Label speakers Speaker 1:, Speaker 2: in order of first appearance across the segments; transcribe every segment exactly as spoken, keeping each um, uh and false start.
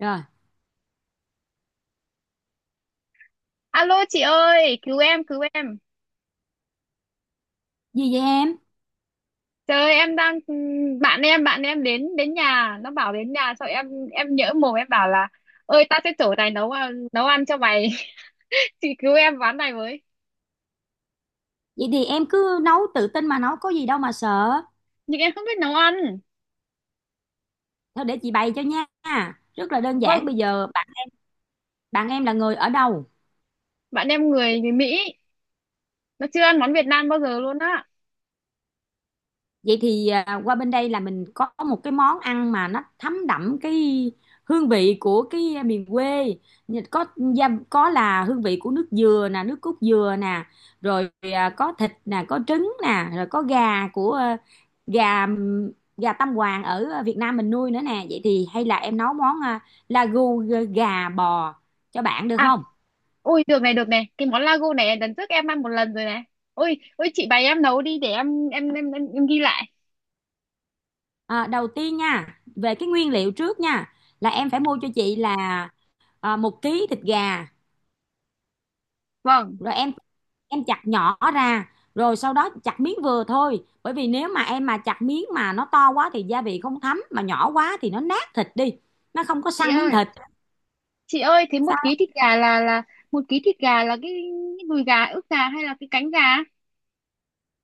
Speaker 1: Rồi,
Speaker 2: Alo chị ơi, cứu em, cứu em.
Speaker 1: gì vậy em?
Speaker 2: Trời ơi, em đang bạn em, bạn em đến đến nhà, nó bảo đến nhà sao em em nhỡ mồm em bảo là ơi, tao sẽ chở tài nấu ăn- nấu ăn cho mày. Chị cứu em ván này với.
Speaker 1: Vậy thì em cứ nấu tự tin mà nấu, có gì đâu mà sợ.
Speaker 2: Nhưng em không biết nấu ăn.
Speaker 1: Thôi để chị bày cho nha. Rất là đơn giản.
Speaker 2: Vâng,
Speaker 1: Bây giờ bạn, bạn em là người ở đâu?
Speaker 2: bạn em người người Mỹ, nó chưa ăn món Việt Nam bao giờ luôn á.
Speaker 1: Vậy thì à, qua bên đây là mình có một cái món ăn mà nó thấm đậm cái hương vị của cái à, miền quê. Như có gia- có là hương vị của nước dừa nè, nước cốt dừa nè, rồi à, có thịt nè, có trứng nè, rồi có gà của ờ, gà gà Tam Hoàng ở Việt Nam mình nuôi nữa nè. Vậy thì hay là em nấu món à, lagu gà bò cho bạn được
Speaker 2: À,
Speaker 1: không?
Speaker 2: ôi được này, được này, cái món lago này lần trước em ăn một lần rồi này. Ôi, ôi chị bày em nấu đi để em em em, em, em ghi lại.
Speaker 1: À, đầu tiên nha, về cái nguyên liệu trước nha, là em phải mua cho chị là à, một ký thịt gà,
Speaker 2: Vâng,
Speaker 1: rồi em em chặt nhỏ ra, rồi sau đó chặt miếng vừa thôi, bởi vì nếu mà em mà chặt miếng mà nó to quá thì gia vị không thấm, mà nhỏ quá thì nó nát thịt đi, nó không có
Speaker 2: chị
Speaker 1: săn miếng
Speaker 2: ơi.
Speaker 1: thịt.
Speaker 2: chị ơi thế một ký
Speaker 1: Sao?
Speaker 2: thịt gà là là một ký thịt gà là cái đùi gà, ức gà hay là cái cánh gà?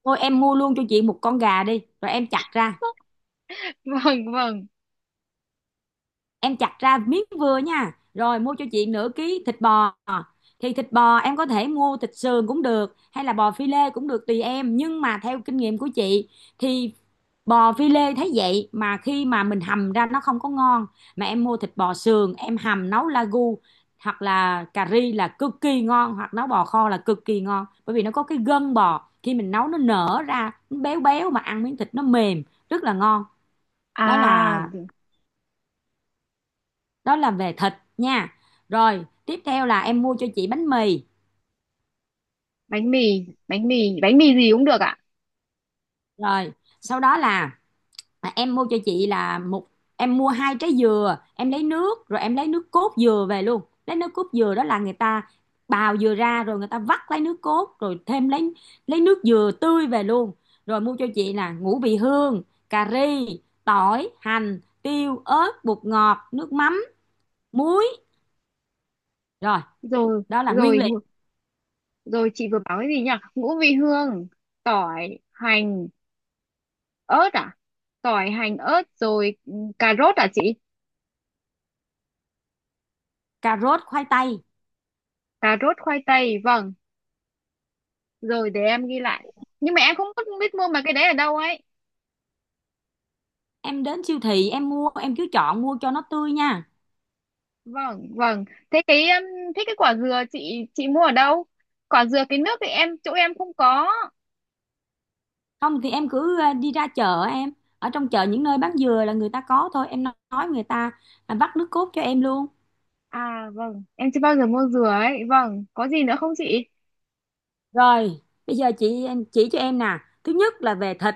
Speaker 1: Thôi em mua luôn cho chị một con gà đi rồi em chặt ra
Speaker 2: Vâng, vâng.
Speaker 1: em chặt ra miếng vừa nha, rồi mua cho chị nửa ký thịt bò. Thì thịt bò em có thể mua thịt sườn cũng được, hay là bò phi lê cũng được, tùy em. Nhưng mà theo kinh nghiệm của chị thì bò phi lê thấy vậy mà khi mà mình hầm ra nó không có ngon. Mà em mua thịt bò sườn em hầm nấu lagu hoặc là cà ri là cực kỳ ngon, hoặc nấu bò kho là cực kỳ ngon, bởi vì nó có cái gân bò, khi mình nấu nó nở ra, nó béo béo mà ăn miếng thịt nó mềm, rất là ngon. đó
Speaker 2: À,
Speaker 1: là đó là về thịt nha. Rồi tiếp theo là em mua cho chị bánh mì,
Speaker 2: bánh mì bánh mì bánh mì gì cũng được ạ.
Speaker 1: rồi sau đó là, à, em mua cho chị là một em mua hai trái dừa. Em lấy nước rồi em lấy nước cốt dừa về luôn. Lấy nước cốt dừa đó là người ta bào dừa ra rồi người ta vắt lấy nước cốt, rồi thêm lấy lấy nước dừa tươi về luôn. Rồi mua cho chị là ngũ vị hương, cà ri, tỏi, hành, tiêu, ớt, bột ngọt, nước mắm, muối. Rồi,
Speaker 2: Rồi,
Speaker 1: đó là nguyên
Speaker 2: rồi.
Speaker 1: liệu.
Speaker 2: Ngũ- rồi, chị vừa bảo cái gì nhỉ? Ngũ vị hương, tỏi hành ớt à? Tỏi hành ớt, rồi. Ừ, cà rốt à chị?
Speaker 1: Cà rốt, khoai tây.
Speaker 2: Cà rốt khoai tây, vâng. Rồi để em ghi lại. Nhưng mà em không biết biết mua mà cái đấy ở đâu ấy.
Speaker 1: Em đến siêu thị em mua, em cứ chọn mua cho nó tươi nha.
Speaker 2: Vâng, vâng. Thế cái um, thế cái quả dừa chị chị mua ở đâu? Quả dừa cái nước thì em chỗ em không có.
Speaker 1: Không thì em cứ ờ, đi ra chợ em, ở trong chợ những nơi bán dừa là người ta có thôi. Em nói người ta à, vắt nước cốt cho em luôn.
Speaker 2: À, vâng, em chưa bao giờ mua dừa ấy. Vâng, có gì nữa không chị?
Speaker 1: Rồi bây giờ chị chỉ cho em nè. Thứ nhất là về thịt,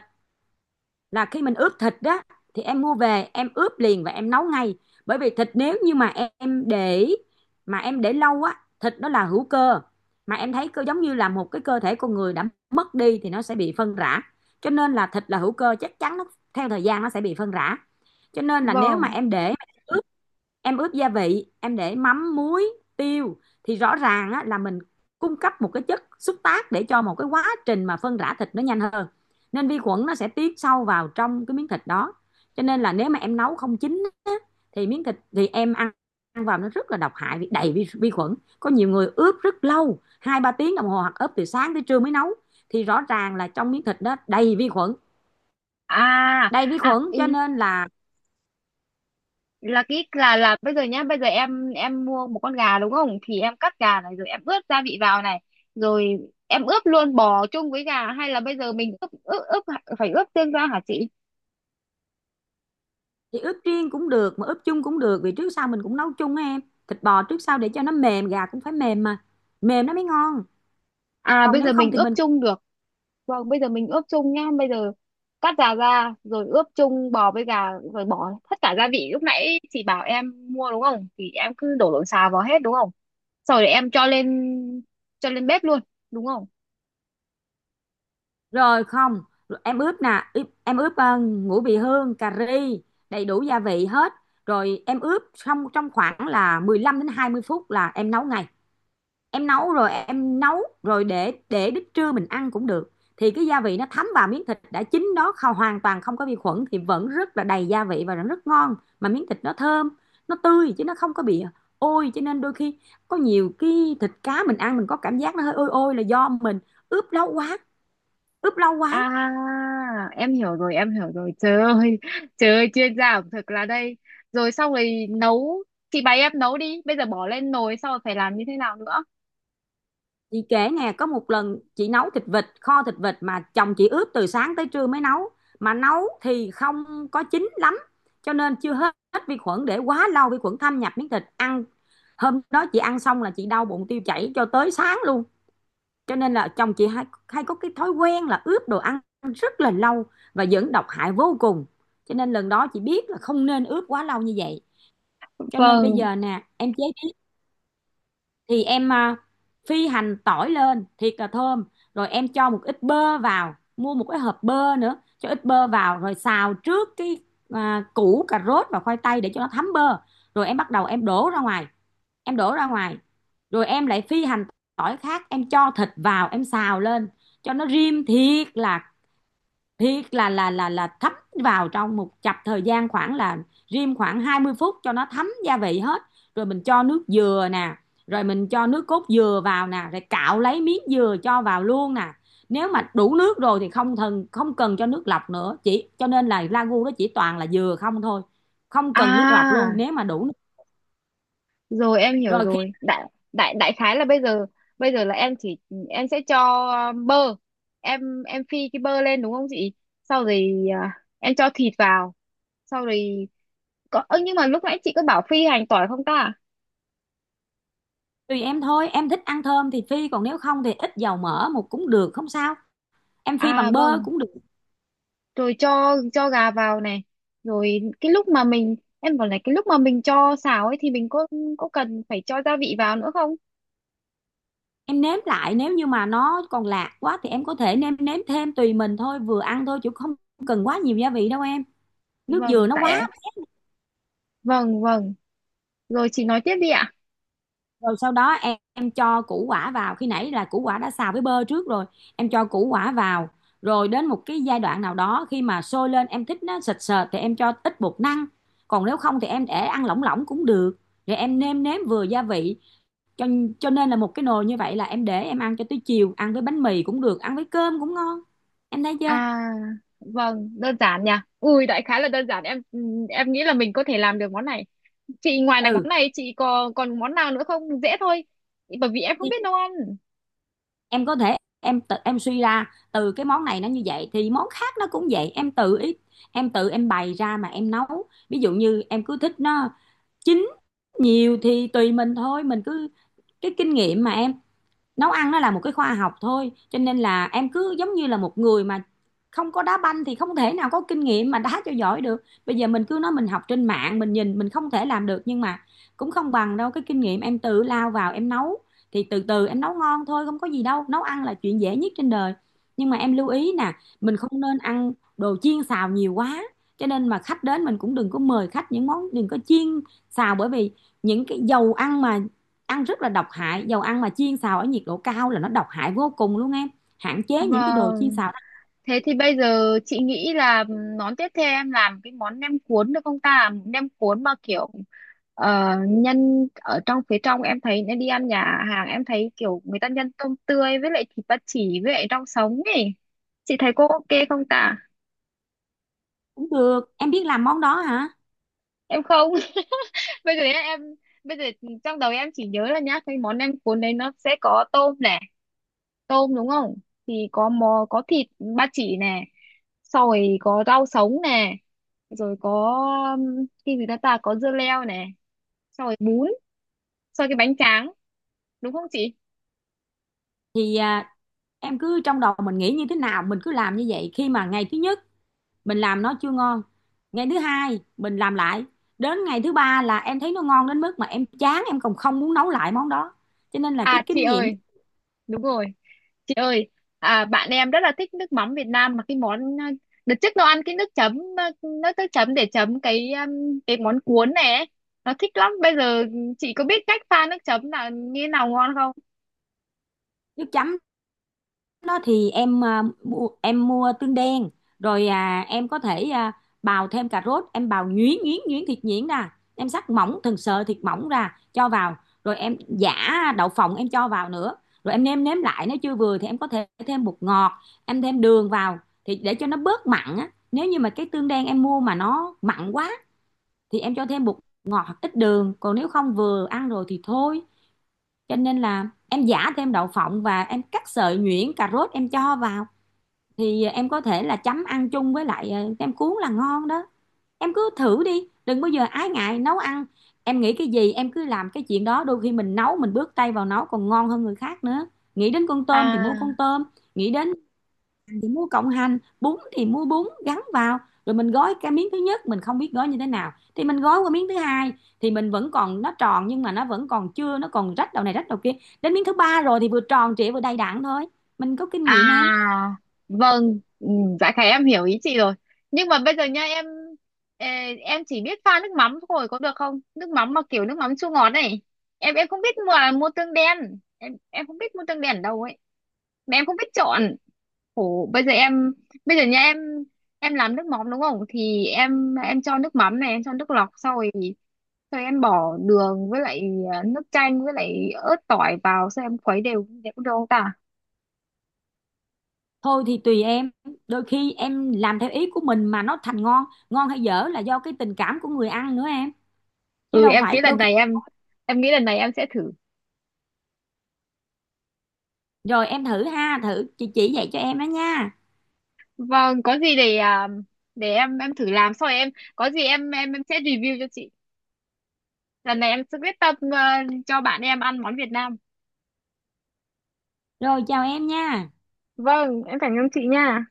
Speaker 1: là khi mình ướp thịt đó thì em mua về em ướp liền và em nấu ngay. Bởi vì thịt, nếu như mà em để mà em để lâu á, thịt nó là hữu cơ, mà em thấy cơ giống như là một cái cơ thể con người đã mất đi thì nó sẽ bị phân rã, cho nên là thịt là hữu cơ, chắc chắn nó theo thời gian nó sẽ bị phân rã. Cho nên là nếu mà
Speaker 2: Vâng.
Speaker 1: em để ướp, em ướp gia vị, em để mắm, muối, tiêu thì rõ ràng á, là mình cung cấp một cái chất xúc tác để cho một cái quá trình mà phân rã thịt nó nhanh hơn, nên vi khuẩn nó sẽ tiến sâu vào trong cái miếng thịt đó. Cho nên là nếu mà em nấu không chín á, thì miếng thịt thì em ăn, ăn vào nó rất là độc hại vì đầy vi, vi khuẩn. Có nhiều người ướp rất lâu, hai ba tiếng đồng hồ, hoặc ướp từ sáng tới trưa mới nấu, thì rõ ràng là trong miếng thịt đó đầy vi khuẩn
Speaker 2: À.
Speaker 1: đầy vi
Speaker 2: À
Speaker 1: khuẩn
Speaker 2: ý,
Speaker 1: cho nên là.
Speaker 2: là cái là là bây giờ nhá, bây giờ em em mua một con gà đúng không? Thì em cắt gà này, rồi em ướp gia vị vào này. Rồi em ướp luôn bò chung với gà hay là bây giờ mình ướp ướp, ướp phải ướp riêng ra hả chị?
Speaker 1: Thì ướp riêng cũng được, mà ướp chung cũng được, vì trước sau mình cũng nấu chung á em. Thịt bò trước sau để cho nó mềm, gà cũng phải mềm, mà mềm nó mới ngon.
Speaker 2: À,
Speaker 1: Còn
Speaker 2: bây giờ
Speaker 1: nếu không
Speaker 2: mình
Speaker 1: thì
Speaker 2: ướp
Speaker 1: mình,
Speaker 2: chung được. Vâng, bây giờ mình ướp chung nhá. Bây giờ cắt giá ra, rồi ướp chung bò với gà, rồi bỏ tất cả gia vị lúc nãy chị bảo em mua, đúng không? Thì em cứ đổ lộn xào vào hết, đúng không? Sau rồi em cho lên cho lên bếp luôn, đúng không?
Speaker 1: rồi không, rồi em ướp nè. Ướp- em ướp ờ, ngũ vị hương, cà ri, đầy đủ gia vị hết. Rồi em ướp xong trong khoảng là mười lăm đến hai mươi phút là em nấu ngay. Em nấu rồi em nấu rồi để để đến trưa mình ăn cũng được. Thì cái gia vị nó thấm vào miếng thịt đã chín đó, không hoàn toàn không có vi khuẩn, thì vẫn rất là đầy gia vị và vẫn rất ngon, mà miếng thịt nó thơm, nó tươi chứ nó không có bị ôi. Cho nên đôi khi có nhiều cái thịt cá mình ăn mình có cảm giác nó hơi ôi ôi, là do mình ướp lâu quá, ướp lâu quá.
Speaker 2: À, em hiểu rồi, em hiểu rồi. Trời ơi, trời ơi, chuyên gia ẩm thực là đây. Rồi xong rồi nấu, chị bày em nấu đi. Bây giờ bỏ lên nồi, sau rồi phải làm như thế nào nữa?
Speaker 1: Chị kể nè, có một lần chị nấu thịt vịt, kho thịt vịt mà chồng chị ướp từ sáng tới trưa mới nấu. Mà nấu thì không có chín lắm, cho nên chưa hết vi khuẩn, để quá lâu vi khuẩn thâm nhập miếng thịt ăn. Hôm đó chị ăn xong là chị đau bụng tiêu chảy cho tới sáng luôn. Cho nên là chồng chị hay, hay có cái thói quen là ướp đồ ăn rất là lâu, và dẫn độc hại vô cùng. Cho nên lần đó chị biết là không nên ướp quá lâu như vậy. Cho nên bây
Speaker 2: Vâng.
Speaker 1: giờ nè, em chế, thì em à, phi hành tỏi lên thiệt là thơm, rồi em cho một ít bơ vào, mua một cái hộp bơ nữa, cho ít bơ vào rồi xào trước cái à, củ cà rốt và khoai tây để cho nó thấm bơ. Rồi em bắt đầu em đổ ra ngoài, em đổ ra ngoài rồi em lại phi hành tỏi khác, em cho thịt vào em xào lên cho nó rim thiệt là thiệt là là là là thấm vào. Trong một chập thời gian khoảng là rim khoảng hai mươi phút cho nó thấm gia vị hết, rồi mình cho nước dừa nè, rồi mình cho nước cốt dừa vào nè, rồi cạo lấy miếng dừa cho vào luôn nè. Nếu mà đủ nước rồi thì không cần không cần cho nước lọc nữa, chỉ cho nên là ragu đó chỉ toàn là dừa không thôi, không cần nước lọc luôn
Speaker 2: À,
Speaker 1: nếu mà đủ nước.
Speaker 2: rồi em hiểu
Speaker 1: Rồi khi
Speaker 2: rồi. Đại đại đại khái là bây giờ, bây giờ là em chỉ, em sẽ cho um, bơ. Em em phi cái bơ lên đúng không chị? Sau rồi à, em cho thịt vào, sau rồi có ơ, nhưng mà lúc nãy chị có bảo phi hành tỏi không ta?
Speaker 1: Tùy em thôi, em thích ăn thơm thì phi, còn nếu không thì ít dầu mỡ một cũng được, không sao. Em phi
Speaker 2: À,
Speaker 1: bằng bơ
Speaker 2: vâng.
Speaker 1: cũng được.
Speaker 2: Rồi cho cho gà vào này. Rồi cái lúc mà mình em bảo này, cái lúc mà mình cho xào ấy thì mình có có cần phải cho gia vị vào nữa không?
Speaker 1: Em nếm lại nếu như mà nó còn lạt quá thì em có thể nêm nếm thêm, tùy mình thôi, vừa ăn thôi chứ không cần quá nhiều gia vị đâu em. Nước dừa
Speaker 2: Vâng
Speaker 1: nó quá.
Speaker 2: tại. Vâng, vâng. Rồi chị nói tiếp đi ạ.
Speaker 1: Rồi sau đó em, em cho củ quả vào, khi nãy là củ quả đã xào với bơ trước rồi, em cho củ quả vào. Rồi đến một cái giai đoạn nào đó khi mà sôi lên, em thích nó sệt sệt thì em cho ít bột năng, còn nếu không thì em để ăn lỏng lỏng cũng được. Rồi em nêm nếm vừa gia vị, cho cho nên là một cái nồi như vậy là em để em ăn cho tới chiều, ăn với bánh mì cũng được, ăn với cơm cũng ngon. Em thấy chưa?
Speaker 2: À, vâng, đơn giản nhỉ. Ui, đại khái là đơn giản. Em em nghĩ là mình có thể làm được món này. Chị ngoài này món
Speaker 1: Ừ,
Speaker 2: này chị có còn món nào nữa không? Dễ thôi. Bởi vì em không biết nấu ăn.
Speaker 1: em có thể em tự em suy ra từ cái món này. Nó như vậy thì món khác nó cũng vậy, em tự ý em tự em bày ra mà em nấu. Ví dụ như em cứ thích nó chín nhiều thì tùy mình thôi, mình cứ, cái kinh nghiệm mà em, nấu ăn nó là một cái khoa học thôi. Cho nên là em cứ giống như là một người mà không có đá banh thì không thể nào có kinh nghiệm mà đá cho giỏi được. Bây giờ mình cứ nói mình học trên mạng mình nhìn mình không thể làm được, nhưng mà cũng không bằng đâu, cái kinh nghiệm em tự lao vào em nấu thì từ từ em nấu ngon thôi, không có gì đâu. Nấu ăn là chuyện dễ nhất trên đời. Nhưng mà em lưu ý nè, mình không nên ăn đồ chiên xào nhiều quá, cho nên mà khách đến mình cũng đừng có mời khách những món, đừng có chiên xào, bởi vì những cái dầu ăn mà ăn rất là độc hại, dầu ăn mà chiên xào ở nhiệt độ cao là nó độc hại vô cùng luôn em. Hạn chế những cái đồ chiên
Speaker 2: Vâng,
Speaker 1: xào ăn.
Speaker 2: thế thì bây giờ chị nghĩ là món tiếp theo em làm cái món nem cuốn được không ta? Nem cuốn mà kiểu ờ, nhân ở trong phía trong em thấy nên đi ăn nhà hàng em thấy kiểu người ta nhân tôm tươi với lại thịt ba chỉ với lại rau sống ấy. Chị thấy cô ok không ta?
Speaker 1: Cũng được, em biết làm món đó hả?
Speaker 2: Em không. Bây giờ nhá em, bây giờ trong đầu em chỉ nhớ là nhá cái món nem cuốn đấy nó sẽ có tôm này, tôm đúng không? Thì có mò có thịt ba chỉ này, sau rồi có rau sống nè, rồi có um, cái gì đó ta, có dưa leo nè, sau rồi bún, sau cái bánh tráng, đúng không chị?
Speaker 1: Thì à, em cứ trong đầu mình nghĩ như thế nào mình cứ làm như vậy. Khi mà ngày thứ nhất mình làm nó chưa ngon, ngày thứ hai mình làm lại, đến ngày thứ ba là em thấy nó ngon đến mức mà em chán, em còn không muốn nấu lại món đó. Cho nên là
Speaker 2: À,
Speaker 1: cái
Speaker 2: chị
Speaker 1: kinh nghiệm.
Speaker 2: ơi, đúng rồi. Chị ơi, à, bạn em rất là thích nước mắm Việt Nam, mà cái món ờ, đợt trước nó ăn cái nước chấm ờ, nước nước chấm để chấm cái um, cái món cuốn này ấy. Nó thích lắm. Bây giờ chị có biết cách pha nước chấm là như nào ngon không?
Speaker 1: Nước chấm đó thì em, à, mua, em mua tương đen. Rồi à, em có thể à, bào thêm cà rốt, em bào nhuyễn nhuyễn nhuyễn, thịt nhuyễn ra, em sắc mỏng từng sợi thịt mỏng ra cho vào. Rồi em giã đậu phộng em cho vào nữa. Rồi em nêm nếm lại, nếu chưa vừa thì em có thể thêm bột ngọt, em thêm đường vào thì để cho nó bớt mặn á. Nếu như mà cái tương đen em mua mà nó mặn quá thì em cho thêm bột ngọt hoặc ít đường, còn nếu không vừa ăn rồi thì thôi. Cho nên là em giả thêm đậu phộng và em cắt sợi nhuyễn cà rốt em cho vào, thì ờ, em có thể là chấm ăn chung với lại ờ, nem cuốn là ngon đó. Em cứ thử đi, đừng bao giờ ái ngại nấu ăn. Em nghĩ cái gì em cứ làm cái chuyện đó, đôi khi mình nấu mình bước tay vào nấu còn ngon hơn người khác nữa. Nghĩ đến con tôm thì mua
Speaker 2: À,
Speaker 1: con tôm, nghĩ đến thì mua cộng hành, bún thì mua bún gắn vào. Rồi mình gói cái miếng thứ nhất mình không biết gói như thế nào thì mình gói qua miếng thứ hai, thì mình vẫn còn nó tròn nhưng mà nó vẫn còn chưa, nó còn rách đầu này rách đầu kia. Đến miếng thứ ba rồi thì vừa tròn trịa vừa đầy đặn thôi, mình có kinh nghiệm em.
Speaker 2: à, vâng, ừ, dạ khải em hiểu ý chị rồi. Nhưng mà bây giờ nha em, ờ, em chỉ biết pha nước mắm thôi có được không? Nước mắm mà kiểu nước mắm chua ngọt này. Em em không biết mua mua tương đen. Em em không biết mua tương đen ở đâu ấy. Mà em không biết chọn. Ủa, bây giờ em, bây giờ nha em em làm nước mắm đúng không? Thì em em cho nước mắm này, em cho nước lọc, sau rồi sau rồi em bỏ đường với lại à, nước chanh với lại ớt tỏi vào sau em khuấy đều đều cũng được không ta?
Speaker 1: Thôi thì tùy em, đôi khi em làm theo ý của mình mà nó thành ngon. Ngon hay dở là do cái tình cảm của người ăn nữa em, chứ
Speaker 2: Ừ,
Speaker 1: đâu
Speaker 2: em
Speaker 1: phải.
Speaker 2: nghĩ lần
Speaker 1: Đôi khi,
Speaker 2: này em em nghĩ lần này em sẽ thử.
Speaker 1: rồi em thử ha, thử chị chỉ dạy cho em đó nha.
Speaker 2: Vâng, có gì để à, để em em thử làm, sau rồi em, có gì em em em sẽ review cho chị. Lần này em sẽ quyết tâm à, cho bạn em ăn món Việt Nam.
Speaker 1: Rồi, chào em nha.
Speaker 2: Vâng, em cảm ơn chị nha.